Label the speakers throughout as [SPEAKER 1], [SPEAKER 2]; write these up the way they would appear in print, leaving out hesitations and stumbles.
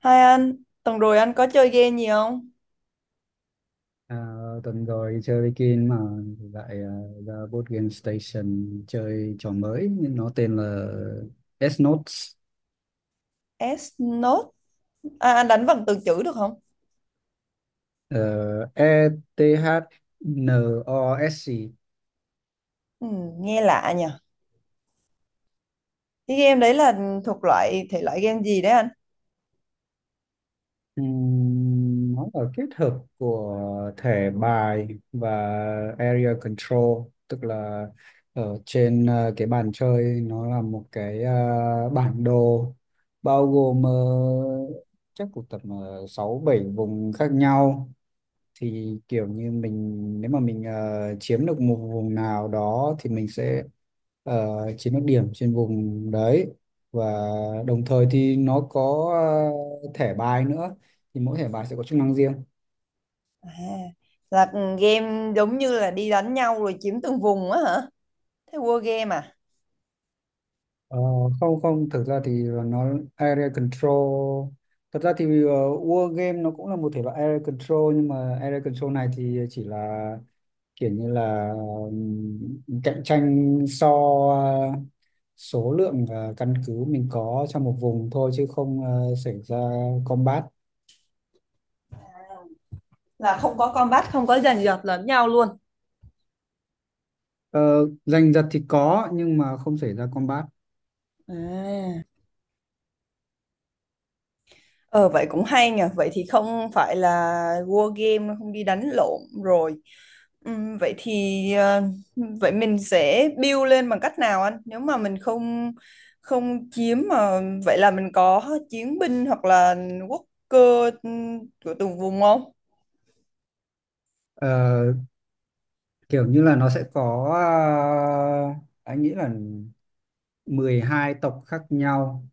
[SPEAKER 1] Hai anh, tuần rồi anh có chơi game gì không?
[SPEAKER 2] À, Tuần rồi đi chơi với Kim mà lại ra board game station chơi trò mới, nhưng nó tên là S-Notes.
[SPEAKER 1] S-Note, à, anh đánh vần từ chữ được không?
[SPEAKER 2] E T H n o s.
[SPEAKER 1] Ừ, nghe lạ nhỉ. Cái game đấy là thuộc loại thể loại game gì đấy anh?
[SPEAKER 2] Nó là kết hợp của thẻ bài và area control, tức là ở trên cái bàn chơi nó là một cái bản đồ bao gồm chắc cũng tầm 6 7 vùng khác nhau. Thì kiểu như mình, nếu mà mình chiếm được một vùng nào đó thì mình sẽ ờ, chiếm được điểm trên vùng đấy, và đồng thời thì nó có thẻ bài nữa, thì mỗi thẻ bài sẽ có chức năng riêng.
[SPEAKER 1] À, là game giống như là đi đánh nhau rồi chiếm từng vùng á hả? Thế war game à?
[SPEAKER 2] Ờ, Không không, thực ra thì nó area control, thật ra thì war game nó cũng là một thể loại area control, nhưng mà area control này thì chỉ là kiểu như là, cạnh tranh so ờ, số lượng căn cứ mình có trong một vùng thôi, chứ không xảy ra combat.
[SPEAKER 1] Là không có combat, không có giành giật lẫn nhau luôn.
[SPEAKER 2] Ờ, Giành giật thì có, nhưng mà không xảy ra combat.
[SPEAKER 1] À. Ờ Vậy cũng hay nhờ. Vậy thì không phải là war game, không đi đánh lộn rồi. Vậy thì ờ, vậy mình sẽ build lên bằng cách nào anh? Nếu mà mình không, không chiếm mà, vậy là mình có chiến binh hoặc là quốc cơ, của từng vùng không?
[SPEAKER 2] Ờ, Kiểu như là nó sẽ có, anh nghĩ là 12 tộc khác nhau,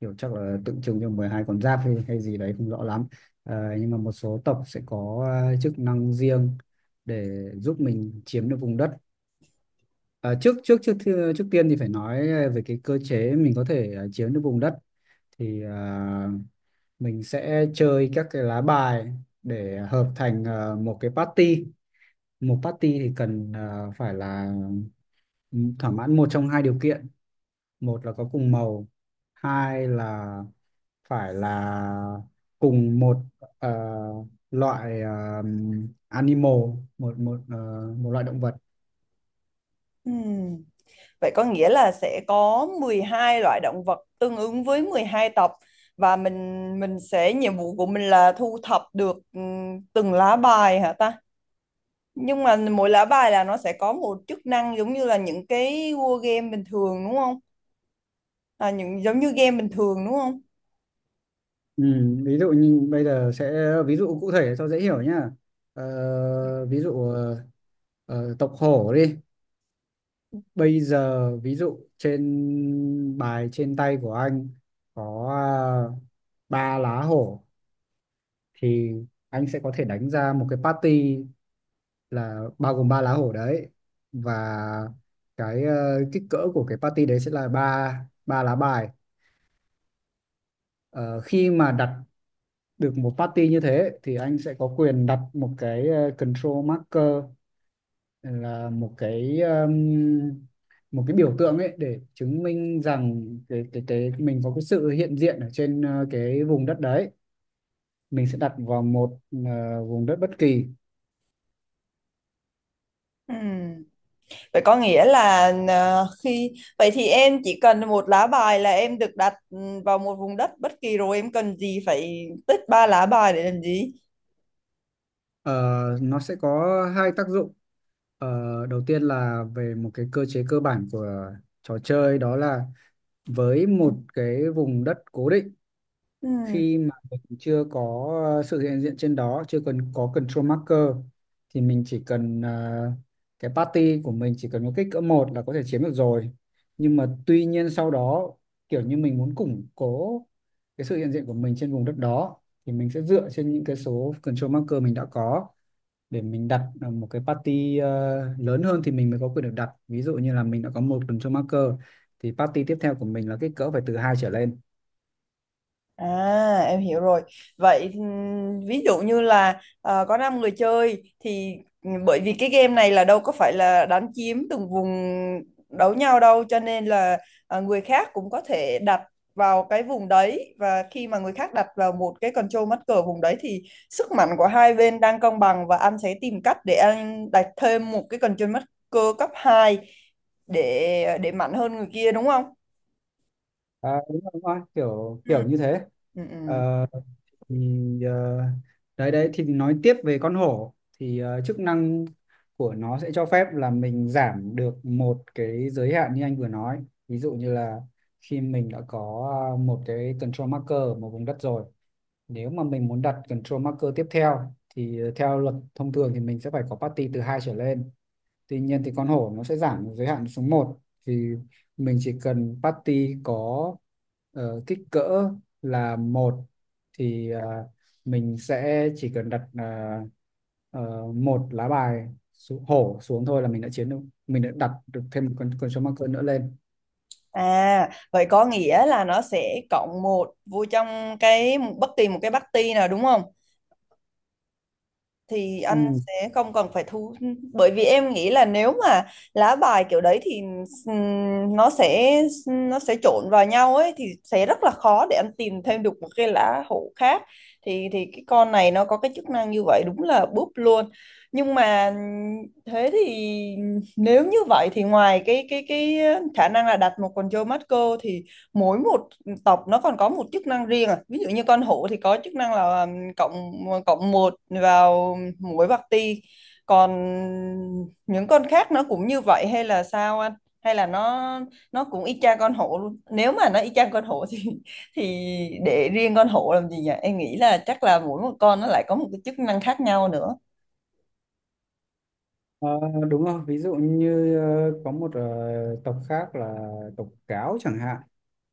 [SPEAKER 2] kiểu chắc là tượng trưng cho 12 con giáp hay, hay gì đấy không rõ lắm. Nhưng mà một số tộc sẽ có chức năng riêng để giúp mình chiếm được vùng đất. À, trước trước trước thi- trước tiên thì phải nói về cái cơ chế mình có thể chiếm được vùng đất, thì mình sẽ chơi các cái lá bài để hợp thành một cái party. Một party thì cần phải là thỏa mãn một trong hai điều kiện: một là có cùng màu, hai là phải là cùng một à, loại animal, một một à, một loại động vật.
[SPEAKER 1] Ừm, Vậy có nghĩa là sẽ có 12 loại động vật tương ứng với 12 tộc. Và mình sẽ, nhiệm vụ của mình là thu thập được từng lá bài hả ta? Nhưng mà mỗi lá bài là nó sẽ có một chức năng giống như là những cái war game bình thường đúng không? À, những giống như game bình thường đúng không?
[SPEAKER 2] Ừ, ví dụ như bây giờ sẽ ví dụ cụ thể cho dễ hiểu nhá. Ví dụ tộc hổ đi. Bây giờ ví dụ trên bài trên tay của anh có à, ba lá hổ, thì anh sẽ có thể đánh ra một cái party là bao gồm ba lá hổ đấy, và cái kích cỡ của cái party đấy sẽ là ba, ba lá bài. Ờ, khi mà đặt được một party như thế thì anh sẽ có quyền đặt một cái control marker, là một cái biểu tượng ấy để chứng minh rằng cái mình có cái sự hiện diện ở trên cái vùng đất đấy. Mình sẽ đặt vào một vùng đất bất kỳ.
[SPEAKER 1] Ừm. Vậy có nghĩa là khi vậy thì em chỉ cần một lá bài là em được đặt vào một vùng đất bất kỳ rồi em cần gì phải tích ba lá bài để làm gì?
[SPEAKER 2] Ờ, nó sẽ có hai tác dụng. Ờ, đầu tiên là về một cái cơ chế cơ bản của trò chơi, đó là với một cái vùng đất cố định,
[SPEAKER 1] Ừm.
[SPEAKER 2] khi mà mình chưa có sự hiện diện trên đó, chưa cần có control marker, thì mình chỉ cần cái party của mình chỉ cần có kích cỡ một là có thể chiếm được rồi. Nhưng mà tuy nhiên sau đó, kiểu như mình muốn củng cố cái sự hiện diện của mình trên vùng đất đó, thì mình sẽ dựa trên những cái số control marker mình đã có để mình đặt một cái party lớn hơn thì mình mới có quyền được đặt. Ví dụ như là mình đã có một control marker thì party tiếp theo của mình là kích cỡ phải từ hai trở lên.
[SPEAKER 1] À, em hiểu rồi. Vậy ví dụ như là có 5 người chơi thì bởi vì cái game này là đâu có phải là đánh chiếm từng vùng đấu nhau đâu cho nên là người khác cũng có thể đặt vào cái vùng đấy, và khi mà người khác đặt vào một cái control mắt cờ vùng đấy thì sức mạnh của hai bên đang cân bằng và anh sẽ tìm cách để anh đặt thêm một cái control mắt cờ cấp 2 để mạnh hơn người kia đúng không?
[SPEAKER 2] À, đúng rồi, đúng rồi, kiểu
[SPEAKER 1] Ừ.
[SPEAKER 2] kiểu như thế.
[SPEAKER 1] Ừ. Ừ.
[SPEAKER 2] Ờ, thì ờ, đấy đấy thì nói tiếp về con hổ, thì chức năng của nó sẽ cho phép là mình giảm được một cái giới hạn như anh vừa nói. Ví dụ như là khi mình đã có một cái control marker ở một vùng đất rồi, nếu mà mình muốn đặt control marker tiếp theo thì theo luật thông thường thì mình sẽ phải có party từ hai trở lên. Tuy nhiên thì con hổ nó sẽ giảm giới hạn xuống một, thì mình chỉ cần party có kích cỡ là một, thì mình sẽ chỉ cần đặt ờ, một lá bài xuống, hổ xuống thôi, là mình đã chiến được, mình đã đặt được thêm một con số marker nữa lên.
[SPEAKER 1] À, vậy có nghĩa là nó sẽ cộng một vô trong cái bất kỳ một cái party nào đúng không? Thì anh
[SPEAKER 2] Ừ.
[SPEAKER 1] sẽ không cần phải thu, bởi vì em nghĩ là nếu mà lá bài kiểu đấy thì ừm, nó sẽ nó sẽ trộn vào nhau ấy thì sẽ rất là khó để anh tìm thêm được một cái lá hổ khác. Thì cái con này nó có cái chức năng như vậy đúng là búp luôn. Nhưng mà thế thì nếu như vậy thì ngoài cái khả năng là đặt một con Joe Marco thì mỗi một tộc nó còn có một chức năng riêng à? Ví dụ như con hổ thì có chức năng là cộng cộng một vào muối bạc ti, còn những con khác nó cũng như vậy hay là sao anh? Hay là nó cũng y chang con hổ luôn? Nếu mà nó y chang con hổ thì thì để riêng con hổ làm gì nhỉ? Em nghĩ là chắc là mỗi một con nó lại có một cái chức năng khác nhau nữa.
[SPEAKER 2] Ờ, đúng rồi, ví dụ như có một tộc khác là tộc cáo chẳng hạn.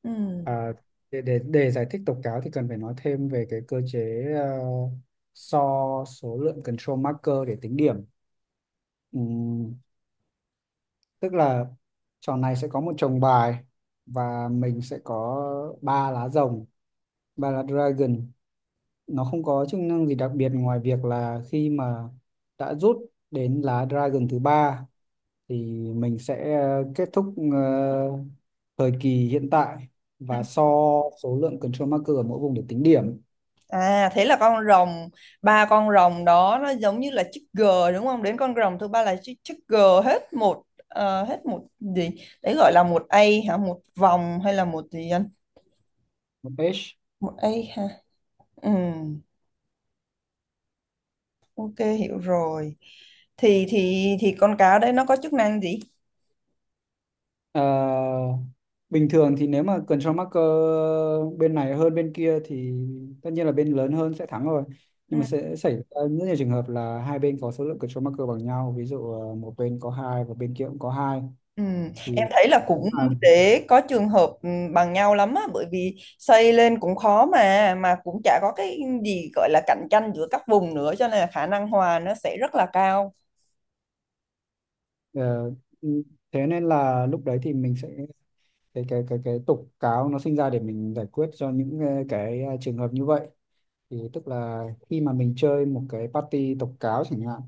[SPEAKER 1] Ừ.
[SPEAKER 2] À, để giải thích tộc cáo thì cần phải nói thêm về cái cơ chế so số lượng control marker để tính điểm. Ừm, tức là trò này sẽ có một chồng bài, và mình sẽ có ba lá rồng, ba lá dragon. Nó không có chức năng gì đặc biệt ngoài việc là khi mà đã rút đến lá dragon thứ ba, thì mình sẽ kết thúc thời kỳ hiện tại
[SPEAKER 1] Ừ.
[SPEAKER 2] và so số lượng control marker ở mỗi vùng để tính điểm.
[SPEAKER 1] À, thế là con rồng, ba con rồng đó nó giống như là chữ G đúng không? Đến con rồng thứ ba là chữ G. Hết một, hết một gì đấy gọi là một A hả? Một vòng hay là một gì anh?
[SPEAKER 2] Một page.
[SPEAKER 1] Một A, ha. Ừ. Ok, hiểu rồi. Thì con cá đấy nó có chức năng gì?
[SPEAKER 2] Ờ, bình thường thì nếu mà control marker bên này hơn bên kia thì tất nhiên là bên lớn hơn sẽ thắng rồi.
[SPEAKER 1] Ừ.
[SPEAKER 2] Nhưng mà sẽ xảy ra rất nhiều trường hợp là hai bên có số lượng control marker bằng nhau, ví dụ một bên có hai và bên kia cũng có hai.
[SPEAKER 1] Ừ. Em
[SPEAKER 2] Thì
[SPEAKER 1] thấy là
[SPEAKER 2] nếu
[SPEAKER 1] cũng
[SPEAKER 2] mà
[SPEAKER 1] để có trường hợp bằng nhau lắm á, bởi vì xây lên cũng khó, mà cũng chả có cái gì gọi là cạnh tranh giữa các vùng nữa cho nên là khả năng hòa nó sẽ rất là cao.
[SPEAKER 2] ờ, Ừ, thế nên là lúc đấy thì mình sẽ, cái tục cáo nó sinh ra để mình giải quyết cho những cái trường hợp như vậy. Thì tức là khi mà mình chơi một cái party tục cáo chẳng hạn,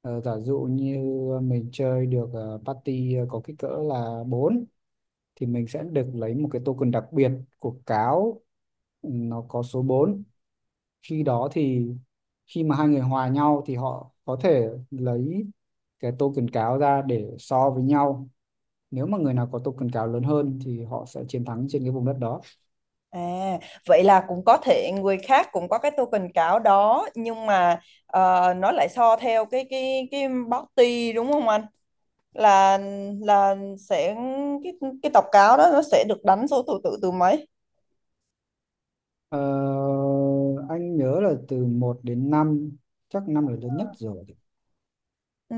[SPEAKER 2] giả dụ như mình chơi được party có kích cỡ là bốn, thì mình sẽ được lấy một cái token đặc biệt của cáo, ừ, nó có số bốn. Khi đó thì khi mà hai người hòa nhau thì họ có thể lấy cái token cáo ra để so với nhau, nếu mà người nào có token cáo lớn hơn thì họ sẽ chiến thắng trên cái vùng đất đó.
[SPEAKER 1] À, vậy là cũng có thể người khác cũng có cái token cáo đó, nhưng mà nó lại so theo cái body đúng không anh? là là sẽ, cái cái tố cáo đó nó sẽ được đánh số thứ tự từ mấy?
[SPEAKER 2] Ờ, anh nhớ là từ một đến năm, chắc 5 là lớn nhất rồi.
[SPEAKER 1] Ừ.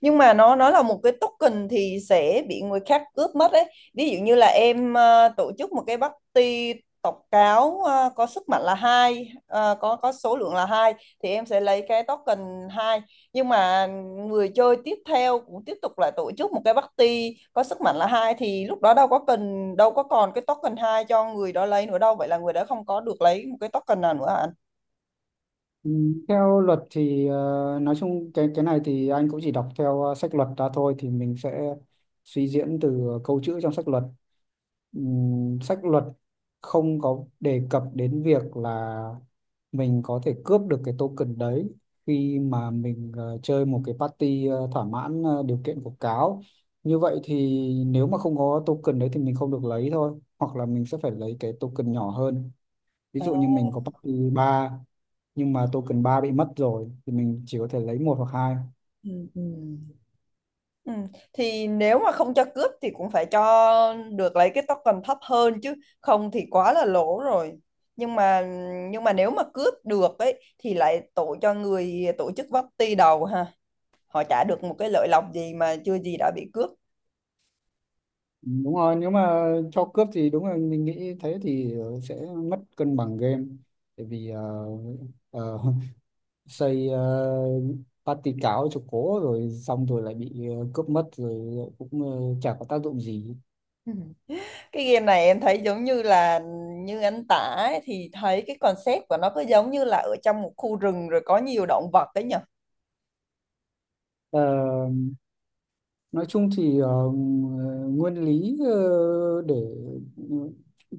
[SPEAKER 1] Nhưng mà nó là một cái token thì sẽ bị người khác cướp mất đấy. Ví dụ như là em tổ chức một cái party tộc cáo có sức mạnh là hai, có số lượng là hai thì em sẽ lấy cái token hai. Nhưng mà người chơi tiếp theo cũng tiếp tục lại tổ chức một cái party có sức mạnh là hai thì lúc đó đâu có cần, đâu có còn cái token hai cho người đó lấy nữa đâu, vậy là người đó không có được lấy một cái token nào nữa hả anh?
[SPEAKER 2] Ừ, theo luật thì nói chung cái này thì anh cũng chỉ đọc theo sách luật ra thôi, thì mình sẽ suy diễn từ câu chữ trong sách luật. Ừm, sách luật không có đề cập đến việc là mình có thể cướp được cái token đấy khi mà mình chơi một cái party thỏa mãn điều kiện của cáo. Như vậy thì nếu mà không có token đấy thì mình không được lấy thôi, hoặc là mình sẽ phải lấy cái token nhỏ hơn. Ví
[SPEAKER 1] À,
[SPEAKER 2] dụ như mình có party 3 nhưng mà token 3 bị mất rồi thì mình chỉ có thể lấy một hoặc hai.
[SPEAKER 1] ừ, ừ. Ừ. Thì nếu mà không cho cướp thì cũng phải cho được lấy cái token thấp hơn chứ, không thì quá là lỗ rồi. Nhưng mà nhưng mà nếu mà cướp được ấy thì lại tổ cho người tổ chức party đầu ha, họ trả được một cái lợi lộc gì mà chưa gì đã bị cướp.
[SPEAKER 2] Đúng rồi, nếu mà cho cướp thì đúng là mình nghĩ thế thì sẽ mất cân bằng game, tại vì ờ, xây party cáo cho cố rồi xong rồi lại bị cướp mất rồi, cũng chả có tác dụng gì.
[SPEAKER 1] Ừ. Cái game này em thấy giống như là, như anh tả ấy, thì thấy cái concept của nó cứ giống như là ở trong một khu rừng rồi có nhiều động vật ấy nhỉ.
[SPEAKER 2] Ờ, nói chung thì nguyên lý để ừ,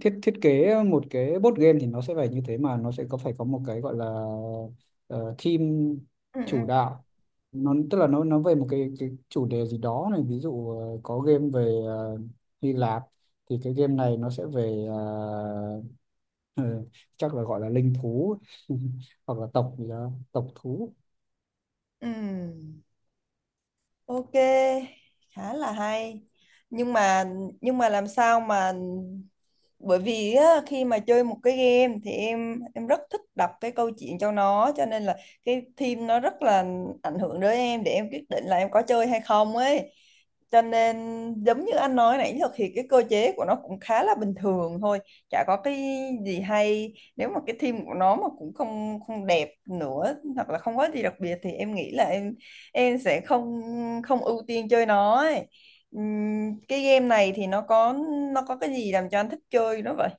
[SPEAKER 2] thiết thiết kế một cái board game thì nó sẽ phải như thế, mà nó sẽ có phải có một cái gọi là ờ, theme
[SPEAKER 1] Ừ.
[SPEAKER 2] chủ đạo. Nó tức là nó về một cái chủ đề gì đó này. Ví dụ có game về Hy Lạp, thì cái game này nó sẽ về ờ, chắc là gọi là linh thú hoặc là tộc gì đó, tộc thú.
[SPEAKER 1] Ừ, ừ. Ok, khá là hay. Nhưng mà nhưng mà làm sao mà, bởi vì á, khi mà chơi một cái game thì em rất thích đọc cái câu chuyện cho nó, cho nên là cái theme nó rất là ảnh hưởng đến em để em quyết định là em có chơi hay không ấy. Cho nên giống như anh nói nãy giờ thì cái cơ chế của nó cũng khá là bình thường thôi, chả có cái gì hay. Nếu mà cái theme của nó mà cũng không không đẹp nữa hoặc là không có gì đặc biệt thì em nghĩ là em sẽ không không ưu tiên chơi nó ấy. Cái game này thì nó có cái gì làm cho anh thích chơi nó vậy?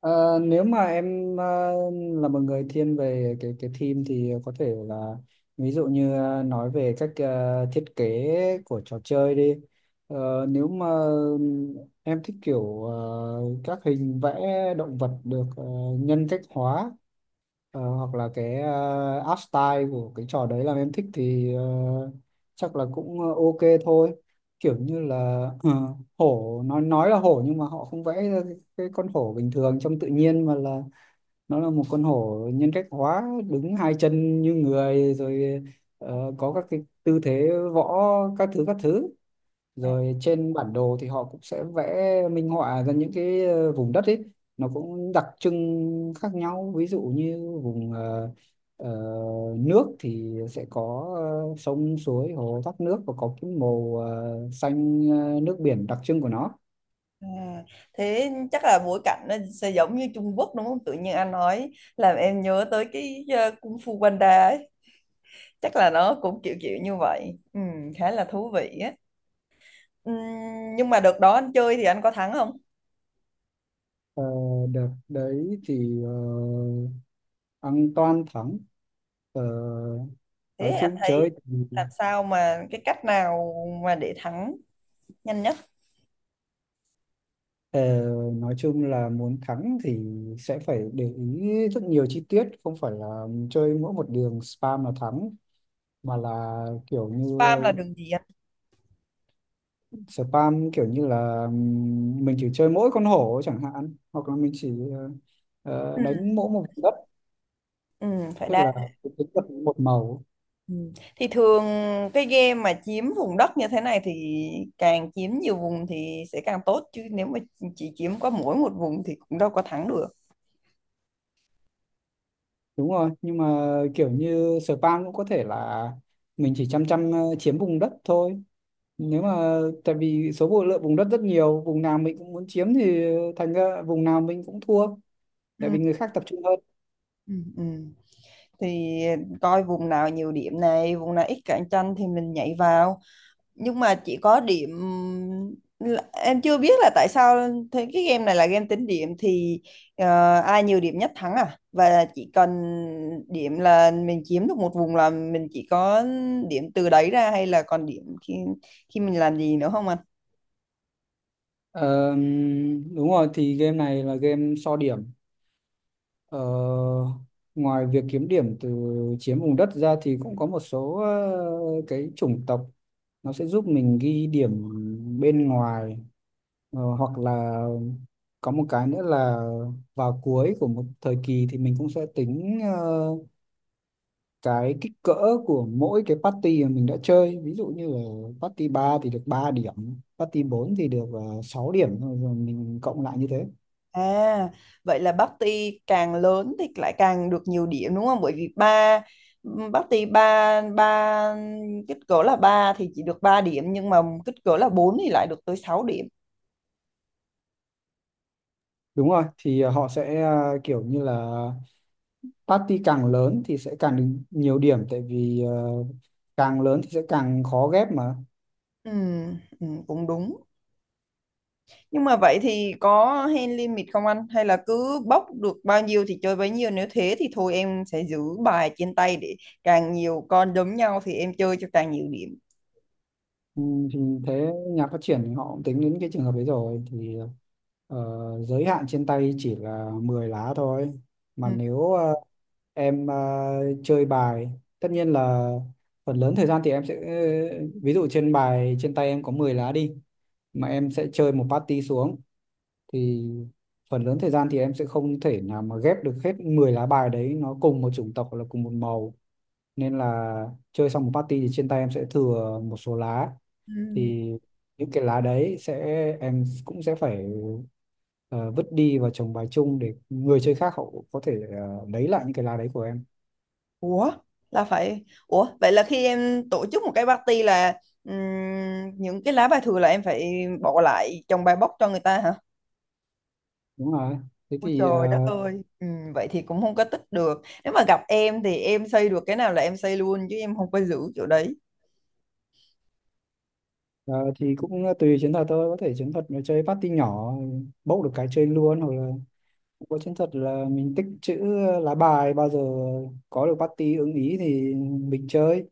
[SPEAKER 2] Ờ, nếu mà em là một người thiên về cái team thì có thể là, ví dụ như nói về cách thiết kế của trò chơi đi. Ờ, nếu mà em thích kiểu các hình vẽ động vật được nhân cách hóa, hoặc là cái art style của cái trò đấy làm em thích, thì chắc là cũng ok thôi. Kiểu như là ờ, hổ nói là hổ nhưng mà họ không vẽ ra cái con hổ bình thường trong tự nhiên, mà là nó là một con hổ nhân cách hóa đứng hai chân như người rồi, có các cái tư thế võ, các thứ.
[SPEAKER 1] à,
[SPEAKER 2] Rồi trên bản đồ thì họ cũng sẽ vẽ minh họa ra những cái vùng đất ấy, nó cũng đặc trưng khác nhau, ví dụ như vùng ờ, nước thì sẽ có sông suối hồ thác nước, và có cái màu xanh nước biển đặc trưng của nó.
[SPEAKER 1] à, thế chắc là bối cảnh nó sẽ giống như Trung Quốc đúng không? Tự nhiên anh nói làm em nhớ tới cái Kung Fu Panda ấy, chắc là nó cũng kiểu kiểu như vậy. Khá là thú vị á. Ừm, nhưng mà đợt đó anh chơi thì anh có thắng không?
[SPEAKER 2] Ờ, đợt đấy thì ăn toan thắng. Ờ,
[SPEAKER 1] Thế
[SPEAKER 2] nói
[SPEAKER 1] anh
[SPEAKER 2] chung
[SPEAKER 1] thấy
[SPEAKER 2] chơi,
[SPEAKER 1] làm sao mà, cái cách nào mà để thắng nhanh nhất?
[SPEAKER 2] ờ, nói chung là muốn thắng thì sẽ phải để ý rất nhiều chi tiết, không phải là chơi mỗi một đường spam là thắng, mà là kiểu như,
[SPEAKER 1] Spam là đường gì anh?
[SPEAKER 2] spam kiểu như là mình chỉ chơi mỗi con hổ chẳng hạn, hoặc là mình chỉ
[SPEAKER 1] Ừ,
[SPEAKER 2] đánh mỗi một vùng đất,
[SPEAKER 1] ừ, phải
[SPEAKER 2] tức
[SPEAKER 1] đa.
[SPEAKER 2] là tính vật một màu.
[SPEAKER 1] Ừ. Thì thường cái game mà chiếm vùng đất như thế này thì càng chiếm nhiều vùng thì sẽ càng tốt chứ, nếu mà chỉ chiếm có mỗi một vùng thì cũng đâu có thắng được.
[SPEAKER 2] Đúng rồi, nhưng mà kiểu như spam cũng có thể là mình chỉ chăm chăm chiếm vùng đất thôi, nếu mà tại vì số vụ lượng vùng đất rất nhiều, vùng nào mình cũng muốn chiếm thì thành ra vùng nào mình cũng thua, tại
[SPEAKER 1] Ừ.
[SPEAKER 2] vì người khác tập trung hơn.
[SPEAKER 1] Ừ. Ừ. Thì coi vùng nào nhiều điểm này, vùng nào ít cạnh tranh thì mình nhảy vào. Nhưng mà chỉ có điểm em chưa biết là tại sao, thế cái game này là game tính điểm thì ai nhiều điểm nhất thắng à, và chỉ cần điểm là mình chiếm được một vùng là mình chỉ có điểm từ đấy ra, hay là còn điểm khi khi mình làm gì nữa không anh?
[SPEAKER 2] Ờ, đúng rồi, thì game này là game so điểm. Ờ, ngoài việc kiếm điểm từ chiếm vùng đất ra thì cũng có một số cái chủng tộc nó sẽ giúp mình ghi điểm bên ngoài. Ờ, hoặc là có một cái nữa là vào cuối của một thời kỳ thì mình cũng sẽ tính cái kích cỡ của mỗi cái party mà mình đã chơi. Ví dụ như là party 3 thì được 3 điểm, party 4 thì được 6 điểm, rồi rồi mình cộng lại như thế.
[SPEAKER 1] À, vậy là party càng lớn thì lại càng được nhiều điểm đúng không? Bởi vì ba, party ba ba kích cỡ là ba thì chỉ được 3 điểm, nhưng mà kích cỡ là 4 thì lại được tới 6 điểm.
[SPEAKER 2] Đúng rồi, thì họ sẽ kiểu như là party càng lớn thì sẽ càng được nhiều điểm, tại vì càng lớn thì sẽ càng khó ghép mà.
[SPEAKER 1] Ừ, ừ, cũng đúng. Nhưng mà vậy thì có hand limit không anh? Hay là cứ bốc được bao nhiêu thì chơi bấy nhiêu? Nếu thế thì thôi em sẽ giữ bài trên tay, để càng nhiều con đấm nhau thì em chơi cho càng nhiều điểm.
[SPEAKER 2] Ừ, thì thế nhà phát triển thì họ cũng tính đến cái trường hợp đấy rồi, thì ờ, giới hạn trên tay chỉ là 10 lá thôi.
[SPEAKER 1] Ừ.
[SPEAKER 2] Mà nếu em chơi bài, tất nhiên là phần lớn thời gian thì em sẽ ví dụ trên bài trên tay em có 10 lá đi, mà em sẽ chơi một party xuống, thì phần lớn thời gian thì em sẽ không thể nào mà ghép được hết 10 lá bài đấy nó cùng một chủng tộc hoặc là cùng một màu, nên là chơi xong một party thì trên tay em sẽ thừa một số lá.
[SPEAKER 1] Ừ.
[SPEAKER 2] Thì những cái lá đấy sẽ, em cũng sẽ phải ờ, vứt đi và trồng bài chung để người chơi khác họ có thể lấy lại những cái lá đấy của em.
[SPEAKER 1] Ủa? Ủa? Vậy là khi em tổ chức một cái party là những cái lá bài thừa là em phải bỏ lại trong bài bốc cho người ta hả?
[SPEAKER 2] Đúng rồi, thế
[SPEAKER 1] Ôi
[SPEAKER 2] thì
[SPEAKER 1] trời đất
[SPEAKER 2] ờ,
[SPEAKER 1] ơi. Ừ, vậy thì cũng không có tích được. Nếu mà gặp em thì em xây được cái nào là em xây luôn chứ em không có giữ chỗ đấy.
[SPEAKER 2] ờ, thì cũng tùy chiến thuật thôi, có thể chiến thuật là chơi party nhỏ, bốc được cái chơi luôn, hoặc là cũng có chiến thuật là mình tích trữ lá bài, bao giờ có được party ưng ý thì mình chơi,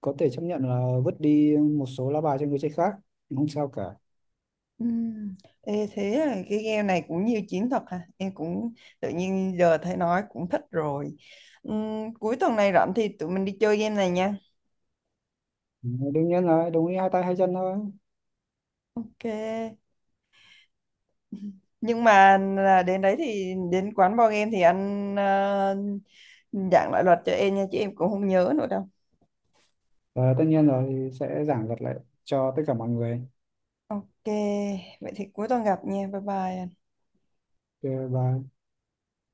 [SPEAKER 2] có thể chấp nhận là vứt đi một số lá bài cho người chơi khác, không sao cả.
[SPEAKER 1] Ừm, Ê, thế là cái game này cũng nhiều chiến thuật ha, em cũng tự nhiên giờ thấy nói cũng thích rồi. Cuối tuần này rảnh thì tụi mình đi chơi game này nha.
[SPEAKER 2] Ừ, đương nhiên là đồng ý hai tay hai chân thôi.
[SPEAKER 1] Ok. Nhưng mà là đến đấy thì đến quán board game thì anh giảng lại luật cho em nha chứ em cũng không nhớ nữa đâu.
[SPEAKER 2] Và tất nhiên rồi, thì sẽ giảng thuật lại cho tất cả mọi người.
[SPEAKER 1] Ok, vậy thì cuối tuần gặp nha, bye bye anh.
[SPEAKER 2] Ờ, và